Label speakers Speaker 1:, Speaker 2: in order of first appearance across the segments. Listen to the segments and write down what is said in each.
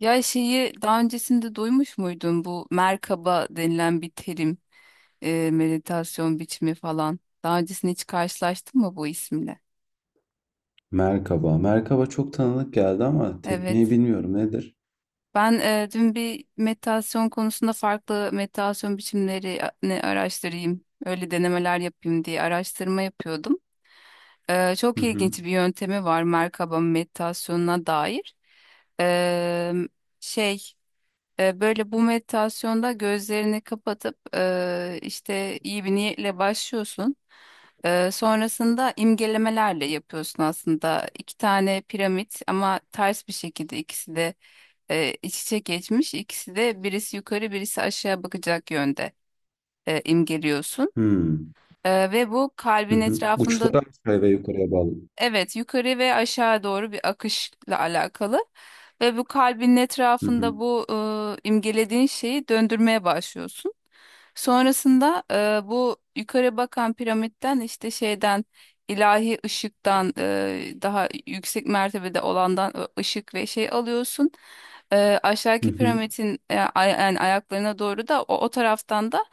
Speaker 1: Ya şeyi daha öncesinde duymuş muydun bu merkaba denilen bir terim, meditasyon biçimi falan. Daha öncesinde hiç karşılaştın mı bu isimle?
Speaker 2: Merkaba. Merkaba çok tanıdık geldi ama tekniği
Speaker 1: Evet.
Speaker 2: bilmiyorum nedir?
Speaker 1: Ben dün bir meditasyon konusunda farklı meditasyon biçimlerini araştırayım, öyle denemeler yapayım diye araştırma yapıyordum.
Speaker 2: Hı
Speaker 1: Çok
Speaker 2: hı.
Speaker 1: ilginç bir yöntemi var merkaba meditasyonuna dair. E, şey Böyle bu meditasyonda gözlerini kapatıp işte iyi bir niyetle başlıyorsun. Sonrasında imgelemelerle yapıyorsun aslında. İki tane piramit ama ters bir şekilde ikisi de iç içe geçmiş. İkisi de birisi yukarı birisi aşağı bakacak yönde imgeliyorsun.
Speaker 2: Hmm.
Speaker 1: Ve bu
Speaker 2: Hı
Speaker 1: kalbin
Speaker 2: hı.
Speaker 1: etrafında.
Speaker 2: Uçları aşağıya ve yukarıya bağlı.
Speaker 1: Evet, yukarı ve aşağı doğru bir akışla alakalı. Ve bu kalbinin
Speaker 2: Hı hı.
Speaker 1: etrafında bu imgelediğin şeyi döndürmeye başlıyorsun. Sonrasında bu yukarı bakan piramitten işte şeyden ilahi ışıktan daha yüksek mertebede olandan ışık ve şey alıyorsun. E,
Speaker 2: Hı
Speaker 1: aşağıki
Speaker 2: hı.
Speaker 1: piramidin yani ayaklarına doğru da o taraftan da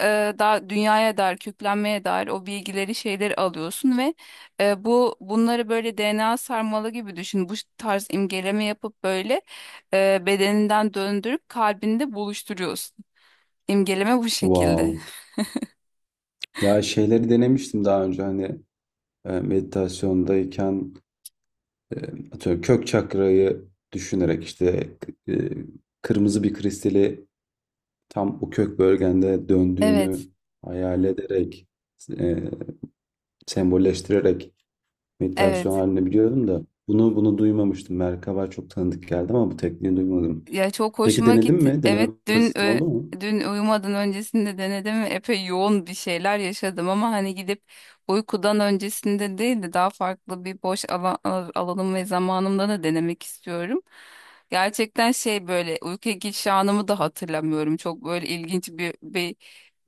Speaker 1: e, daha dünyaya dair, köklenmeye dair o bilgileri, şeyleri alıyorsun ve e, bu bunları böyle DNA sarmalı gibi düşün. Bu tarz imgeleme yapıp böyle bedeninden döndürüp kalbinde buluşturuyorsun. İmgeleme bu şekilde.
Speaker 2: Wow. Ya şeyleri denemiştim daha önce hani meditasyondayken e, atıyorum kök çakrayı düşünerek işte e, kırmızı bir kristali tam o kök bölgende
Speaker 1: Evet,
Speaker 2: döndüğünü hayal ederek e, sembolleştirerek, meditasyon
Speaker 1: evet.
Speaker 2: halini biliyordum da bunu duymamıştım. Merkaba çok tanıdık geldi ama bu tekniği duymadım.
Speaker 1: Ya çok
Speaker 2: Peki
Speaker 1: hoşuma
Speaker 2: denedin
Speaker 1: gitti.
Speaker 2: mi? Deneme
Speaker 1: Evet, dün
Speaker 2: fırsatın oldu mu?
Speaker 1: dün uyumadan öncesinde denedim ve epey yoğun bir şeyler yaşadım ama hani gidip uykudan öncesinde değil de daha farklı bir boş alan, alanım ve zamanımda da denemek istiyorum. Gerçekten şey böyle uykuya giriş anımı da hatırlamıyorum. Çok böyle ilginç bir, bir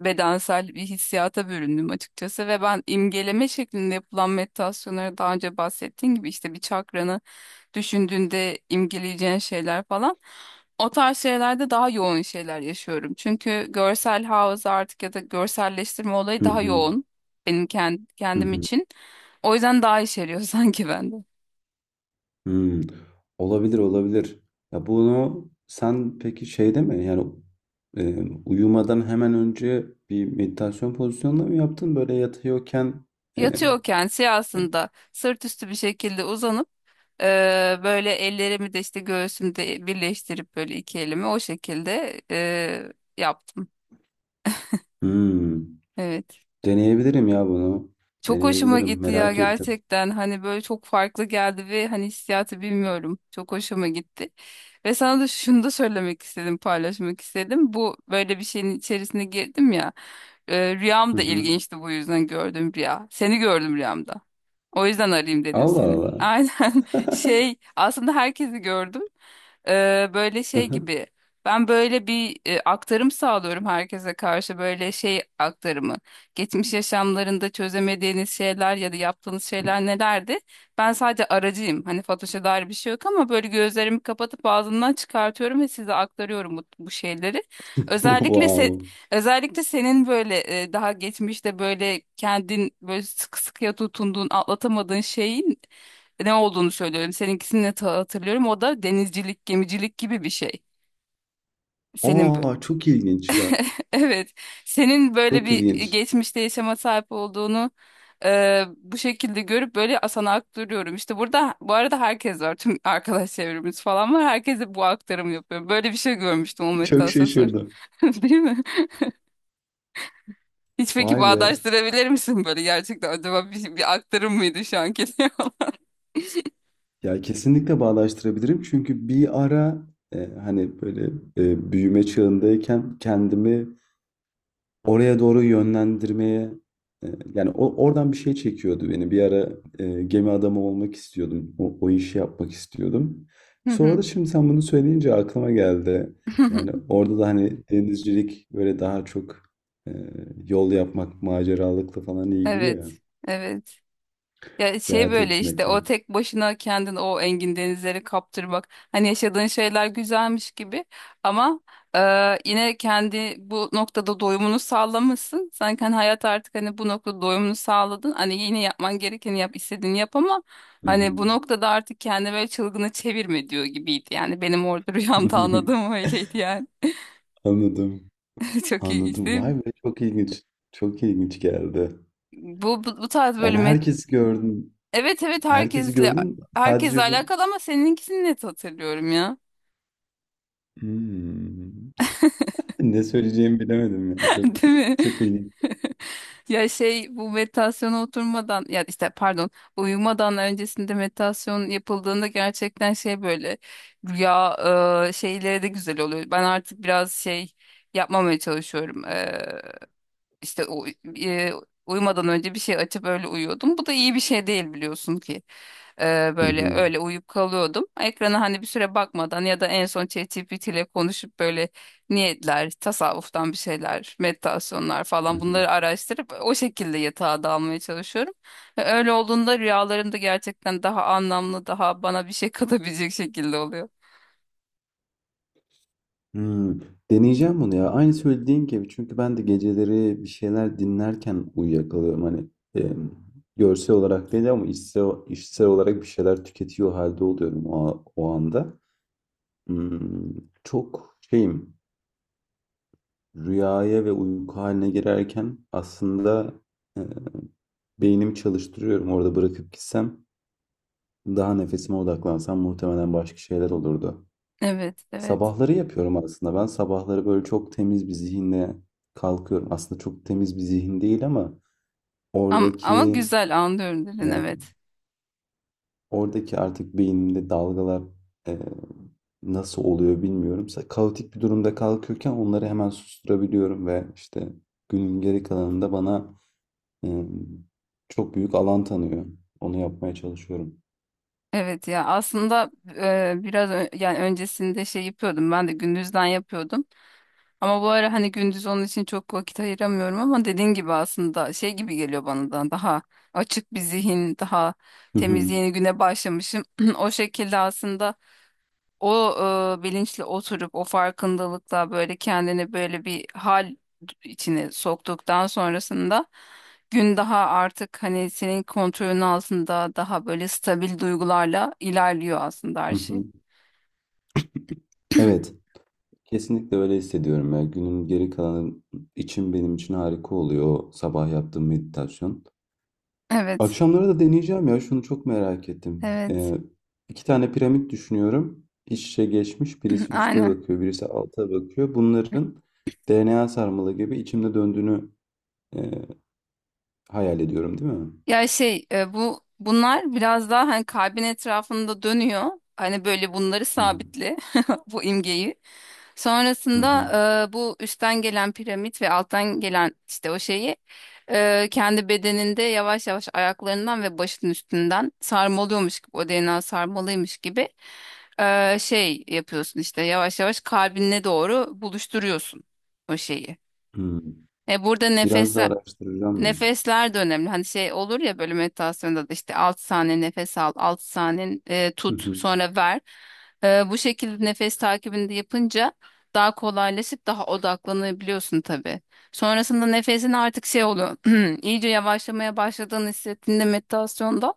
Speaker 1: bedensel bir hissiyata büründüm açıkçası ve ben imgeleme şeklinde yapılan meditasyonlara daha önce bahsettiğim gibi işte bir çakranı düşündüğünde imgeleyeceğin şeyler falan. O tarz şeylerde daha yoğun şeyler yaşıyorum. Çünkü görsel hafıza artık ya da görselleştirme olayı
Speaker 2: Hı
Speaker 1: daha
Speaker 2: hı.
Speaker 1: yoğun benim
Speaker 2: Hı
Speaker 1: kendim
Speaker 2: hı.
Speaker 1: için. O yüzden daha işeriyor sanki bende.
Speaker 2: Hmm. Olabilir olabilir. Ya bunu sen peki şeyde mi yani, e, uyumadan hemen önce bir meditasyon pozisyonunda mı yaptın? Böyle yatıyorken e, e,
Speaker 1: Yatıyorken siyahsında sırt üstü bir şekilde uzanıp böyle ellerimi de işte göğsümde birleştirip böyle iki elimi o şekilde yaptım.
Speaker 2: hmm.
Speaker 1: Evet.
Speaker 2: Deneyebilirim ya bunu.
Speaker 1: Çok hoşuma
Speaker 2: Deneyebilirim.
Speaker 1: gitti ya
Speaker 2: Merak ettim.
Speaker 1: gerçekten. Hani böyle çok farklı geldi ve hani hissiyatı bilmiyorum. Çok hoşuma gitti. Ve sana da şunu da söylemek istedim, paylaşmak istedim. Bu böyle bir şeyin içerisine girdim ya. Rüyam
Speaker 2: Hı
Speaker 1: da
Speaker 2: hı.
Speaker 1: ilginçti bu yüzden gördüm rüya. Seni gördüm rüyamda. O yüzden arayayım dedim
Speaker 2: Allah
Speaker 1: seni.
Speaker 2: Allah.
Speaker 1: Aynen şey aslında herkesi gördüm. Böyle şey gibi ben böyle bir aktarım sağlıyorum herkese karşı böyle şey aktarımı. Geçmiş yaşamlarında çözemediğiniz şeyler ya da yaptığınız şeyler nelerdi? Ben sadece aracıyım. Hani Fatoş'a dair bir şey yok ama böyle gözlerimi kapatıp ağzımdan çıkartıyorum ve size aktarıyorum bu şeyleri. Özellikle
Speaker 2: Wow.
Speaker 1: özellikle senin böyle daha geçmişte böyle kendin böyle sıkı sıkıya tutunduğun, atlatamadığın şeyin ne olduğunu söylüyorum. Seninkisini de hatırlıyorum. O da denizcilik, gemicilik gibi bir şey. Senin
Speaker 2: Aa, çok ilginç ya.
Speaker 1: evet, senin böyle
Speaker 2: Çok
Speaker 1: bir
Speaker 2: ilginç.
Speaker 1: geçmişte yaşama sahip olduğunu bu şekilde görüp böyle sana aktarıyorum. İşte burada bu arada herkes var. Tüm arkadaş çevremiz falan var. Herkese bu aktarımı yapıyorum. Böyle bir şey görmüştüm o
Speaker 2: Çok
Speaker 1: meditasyon sonra.
Speaker 2: şaşırdım.
Speaker 1: Değil mi? Hiç peki
Speaker 2: Vay be.
Speaker 1: bağdaştırabilir misin böyle gerçekten acaba bir, bir aktarım mıydı şu anki diyorlar.
Speaker 2: Ya kesinlikle bağdaştırabilirim. Çünkü bir ara hani böyle büyüme çağındayken kendimi oraya doğru yönlendirmeye, e, yani o, oradan bir şey çekiyordu beni. Bir ara gemi adamı olmak istiyordum. O, o işi yapmak istiyordum.
Speaker 1: Hı
Speaker 2: Sonra
Speaker 1: hı.
Speaker 2: da şimdi sen bunu söyleyince aklıma geldi. Yani orada da hani denizcilik böyle daha çok e, yol yapmak, maceralıkla falan ilgili ya.
Speaker 1: Evet, evet. Ya şey
Speaker 2: Seyahat
Speaker 1: böyle işte o
Speaker 2: etmekle.
Speaker 1: tek başına kendini o engin denizleri kaptırmak. Hani yaşadığın şeyler güzelmiş gibi ama e, yine kendi bu noktada doyumunu sağlamışsın. Sanki hani hayat artık hani bu noktada doyumunu sağladın. Hani yine yapman gerekeni yap, istediğini yap ama
Speaker 2: Hı
Speaker 1: hani
Speaker 2: hı.
Speaker 1: bu noktada artık kendi böyle çılgını çevirme diyor gibiydi. Yani benim orada rüyamda anladığım öyleydi yani.
Speaker 2: Anladım.
Speaker 1: Çok ilginç
Speaker 2: Anladım.
Speaker 1: değil mi?
Speaker 2: Vay be, çok ilginç. Çok ilginç geldi.
Speaker 1: Bu tarz böyle
Speaker 2: Yani
Speaker 1: met...
Speaker 2: herkesi gördün.
Speaker 1: Evet, evet,
Speaker 2: Herkesi
Speaker 1: herkesle
Speaker 2: gördün.
Speaker 1: herkesle
Speaker 2: Sadece bu.
Speaker 1: alakalı ama seninkisini net hatırlıyorum ya.
Speaker 2: Hımm. Ne söyleyeceğimi bilemedim ya. Çok
Speaker 1: Değil mi?
Speaker 2: çok ilginç.
Speaker 1: Ya şey bu meditasyona oturmadan ya işte pardon uyumadan öncesinde meditasyon yapıldığında gerçekten şey böyle rüya şeyleri de güzel oluyor. Ben artık biraz şey yapmamaya çalışıyorum. İşte e, uyumadan önce bir şey açıp öyle uyuyordum. Bu da iyi bir şey değil biliyorsun ki. Ee,
Speaker 2: Hı
Speaker 1: böyle
Speaker 2: hı.
Speaker 1: öyle uyuyup kalıyordum. Ekrana hani bir süre bakmadan ya da en son ChatGPT ile konuşup böyle niyetler, tasavvuftan bir şeyler, meditasyonlar
Speaker 2: Hı
Speaker 1: falan
Speaker 2: hı.
Speaker 1: bunları araştırıp o şekilde yatağa dalmaya çalışıyorum. Ve öyle olduğunda rüyalarım da gerçekten daha anlamlı, daha bana bir şey katabilecek şekilde oluyor.
Speaker 2: Hımm. Deneyeceğim bunu ya. Aynı söylediğin gibi, çünkü ben de geceleri bir şeyler dinlerken uyuyakalıyorum. Hani, emm, görsel olarak değil ama içsel olarak bir şeyler tüketiyor halde oluyorum o o anda. Imm, çok şeyim, rüyaya ve uyku hâline girerken aslında, eee, beynimi çalıştırıyorum. Orada bırakıp gitsem, daha nefesime odaklansam muhtemelen başka şeyler olurdu.
Speaker 1: Evet, evet.
Speaker 2: Sabahları yapıyorum aslında. Ben sabahları böyle çok temiz bir zihinle kalkıyorum. Aslında çok temiz bir zihin değil ama
Speaker 1: Ama
Speaker 2: oradaki,
Speaker 1: güzel anlıyorum dedin
Speaker 2: e,
Speaker 1: evet.
Speaker 2: oradaki artık beynimde dalgalar e, nasıl oluyor bilmiyorum. Kaotik bir durumda kalkıyorken onları hemen susturabiliyorum ve işte günün geri kalanında bana e, çok büyük alan tanıyor. Onu yapmaya çalışıyorum.
Speaker 1: Evet ya aslında biraz yani öncesinde şey yapıyordum ben de gündüzden yapıyordum. Ama bu ara hani gündüz onun için çok vakit ayıramıyorum ama dediğin gibi aslında şey gibi geliyor bana da daha açık bir zihin, daha
Speaker 2: Hı
Speaker 1: temiz
Speaker 2: hı,
Speaker 1: yeni güne başlamışım. O şekilde aslında o bilinçle oturup o farkındalıkla böyle kendini böyle bir hal içine soktuktan sonrasında gün daha artık hani senin kontrolün altında daha böyle stabil duygularla ilerliyor aslında her
Speaker 2: hı
Speaker 1: şey.
Speaker 2: hı. Evet. Kesinlikle öyle hissediyorum ya. Günün geri kalanı için benim için harika oluyor o sabah yaptığım meditasyon.
Speaker 1: Evet,
Speaker 2: Akşamları da deneyeceğim ya. Şunu çok merak ettim.
Speaker 1: evet.
Speaker 2: İki tane piramit düşünüyorum. İç içe geçmiş. Birisi üste
Speaker 1: Aynen.
Speaker 2: bakıyor, birisi alta bakıyor. Bunların DNA sarmalı gibi içimde döndüğünü e, hayal ediyorum, değil mi?
Speaker 1: Ya şey e, bu bunlar biraz daha hani kalbin etrafında dönüyor. Hani böyle bunları
Speaker 2: Hı hı.
Speaker 1: sabitle bu imgeyi.
Speaker 2: Hı hı.
Speaker 1: Sonrasında bu üstten gelen piramit ve alttan gelen işte o şeyi kendi bedeninde yavaş yavaş ayaklarından ve başının üstünden sarmalıyormuş gibi o DNA sarmalıymış gibi şey yapıyorsun işte yavaş yavaş kalbine doğru buluşturuyorsun o şeyi.
Speaker 2: Hı.
Speaker 1: E burada
Speaker 2: Biraz
Speaker 1: nefes
Speaker 2: da araştıracağım ya.
Speaker 1: Nefesler de önemli. Hani şey olur ya böyle meditasyonda da işte 6 saniye nefes al, 6 saniye
Speaker 2: Hı
Speaker 1: tut,
Speaker 2: hı.
Speaker 1: sonra ver. Bu şekilde nefes takibini de yapınca daha kolaylaşıp daha odaklanabiliyorsun tabii. Sonrasında nefesin artık şey oluyor. iyice yavaşlamaya başladığını hissettiğinde meditasyonda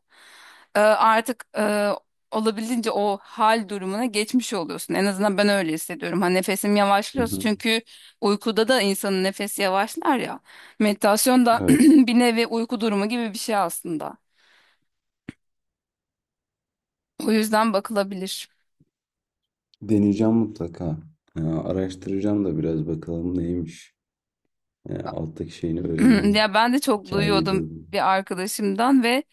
Speaker 1: artık olabildiğince o hal durumuna geçmiş oluyorsun. En azından ben öyle hissediyorum. Hani nefesim
Speaker 2: Hı
Speaker 1: yavaşlıyor
Speaker 2: hı.
Speaker 1: çünkü uykuda da insanın nefesi yavaşlar ya. Meditasyonda
Speaker 2: Evet.
Speaker 1: bir nevi uyku durumu gibi bir şey aslında. O yüzden bakılabilir.
Speaker 2: Deneyeceğim mutlaka. Araştıracağım da biraz, bakalım neymiş. Alttaki şeyini öğreneyim.
Speaker 1: Ya ben de çok
Speaker 2: Hikayeyi de
Speaker 1: duyuyordum
Speaker 2: alayım.
Speaker 1: bir arkadaşımdan ve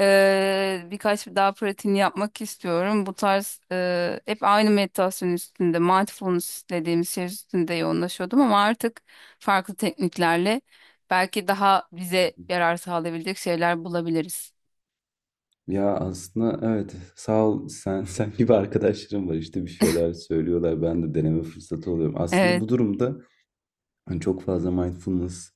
Speaker 1: birkaç daha pratiğini yapmak istiyorum. Bu tarz hep aynı meditasyon üstünde, mindfulness dediğimiz şey üstünde yoğunlaşıyordum ama artık farklı tekniklerle belki daha bize yarar sağlayabilecek şeyler bulabiliriz.
Speaker 2: Ya aslında evet, sağ ol sen, sen gibi arkadaşlarım var işte, bir şeyler söylüyorlar, ben de deneme fırsatı oluyorum. Aslında
Speaker 1: Evet,
Speaker 2: bu durumda hani çok fazla mindfulness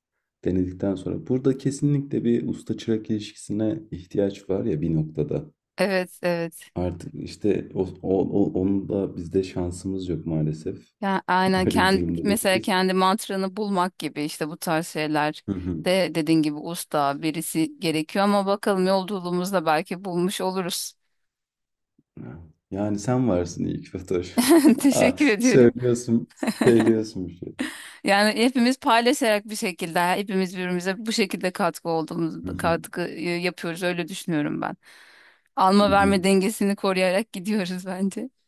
Speaker 2: denedikten sonra burada kesinlikle bir usta çırak ilişkisine ihtiyaç var ya bir noktada.
Speaker 1: evet, evet.
Speaker 2: Artık işte onun da bizde şansımız yok maalesef.
Speaker 1: Ya aynen
Speaker 2: Öyle bir
Speaker 1: kendi,
Speaker 2: durumda
Speaker 1: mesela
Speaker 2: değiliz.
Speaker 1: kendi mantranı bulmak gibi işte bu tarz şeyler
Speaker 2: Hı hı.
Speaker 1: de dediğin gibi usta birisi gerekiyor ama bakalım yolculuğumuzda belki bulmuş oluruz.
Speaker 2: Ha, yani sen varsın ilk ki. Ha,
Speaker 1: Teşekkür ediyorum.
Speaker 2: söylüyorsun, söylüyorsun bir şey.
Speaker 1: Yani hepimiz paylaşarak bir şekilde hepimiz birbirimize bu şekilde katkı olduğumuz
Speaker 2: Hı hı,
Speaker 1: katkı yapıyoruz öyle düşünüyorum ben.
Speaker 2: hı
Speaker 1: Alma
Speaker 2: hı.
Speaker 1: verme dengesini koruyarak gidiyoruz bence.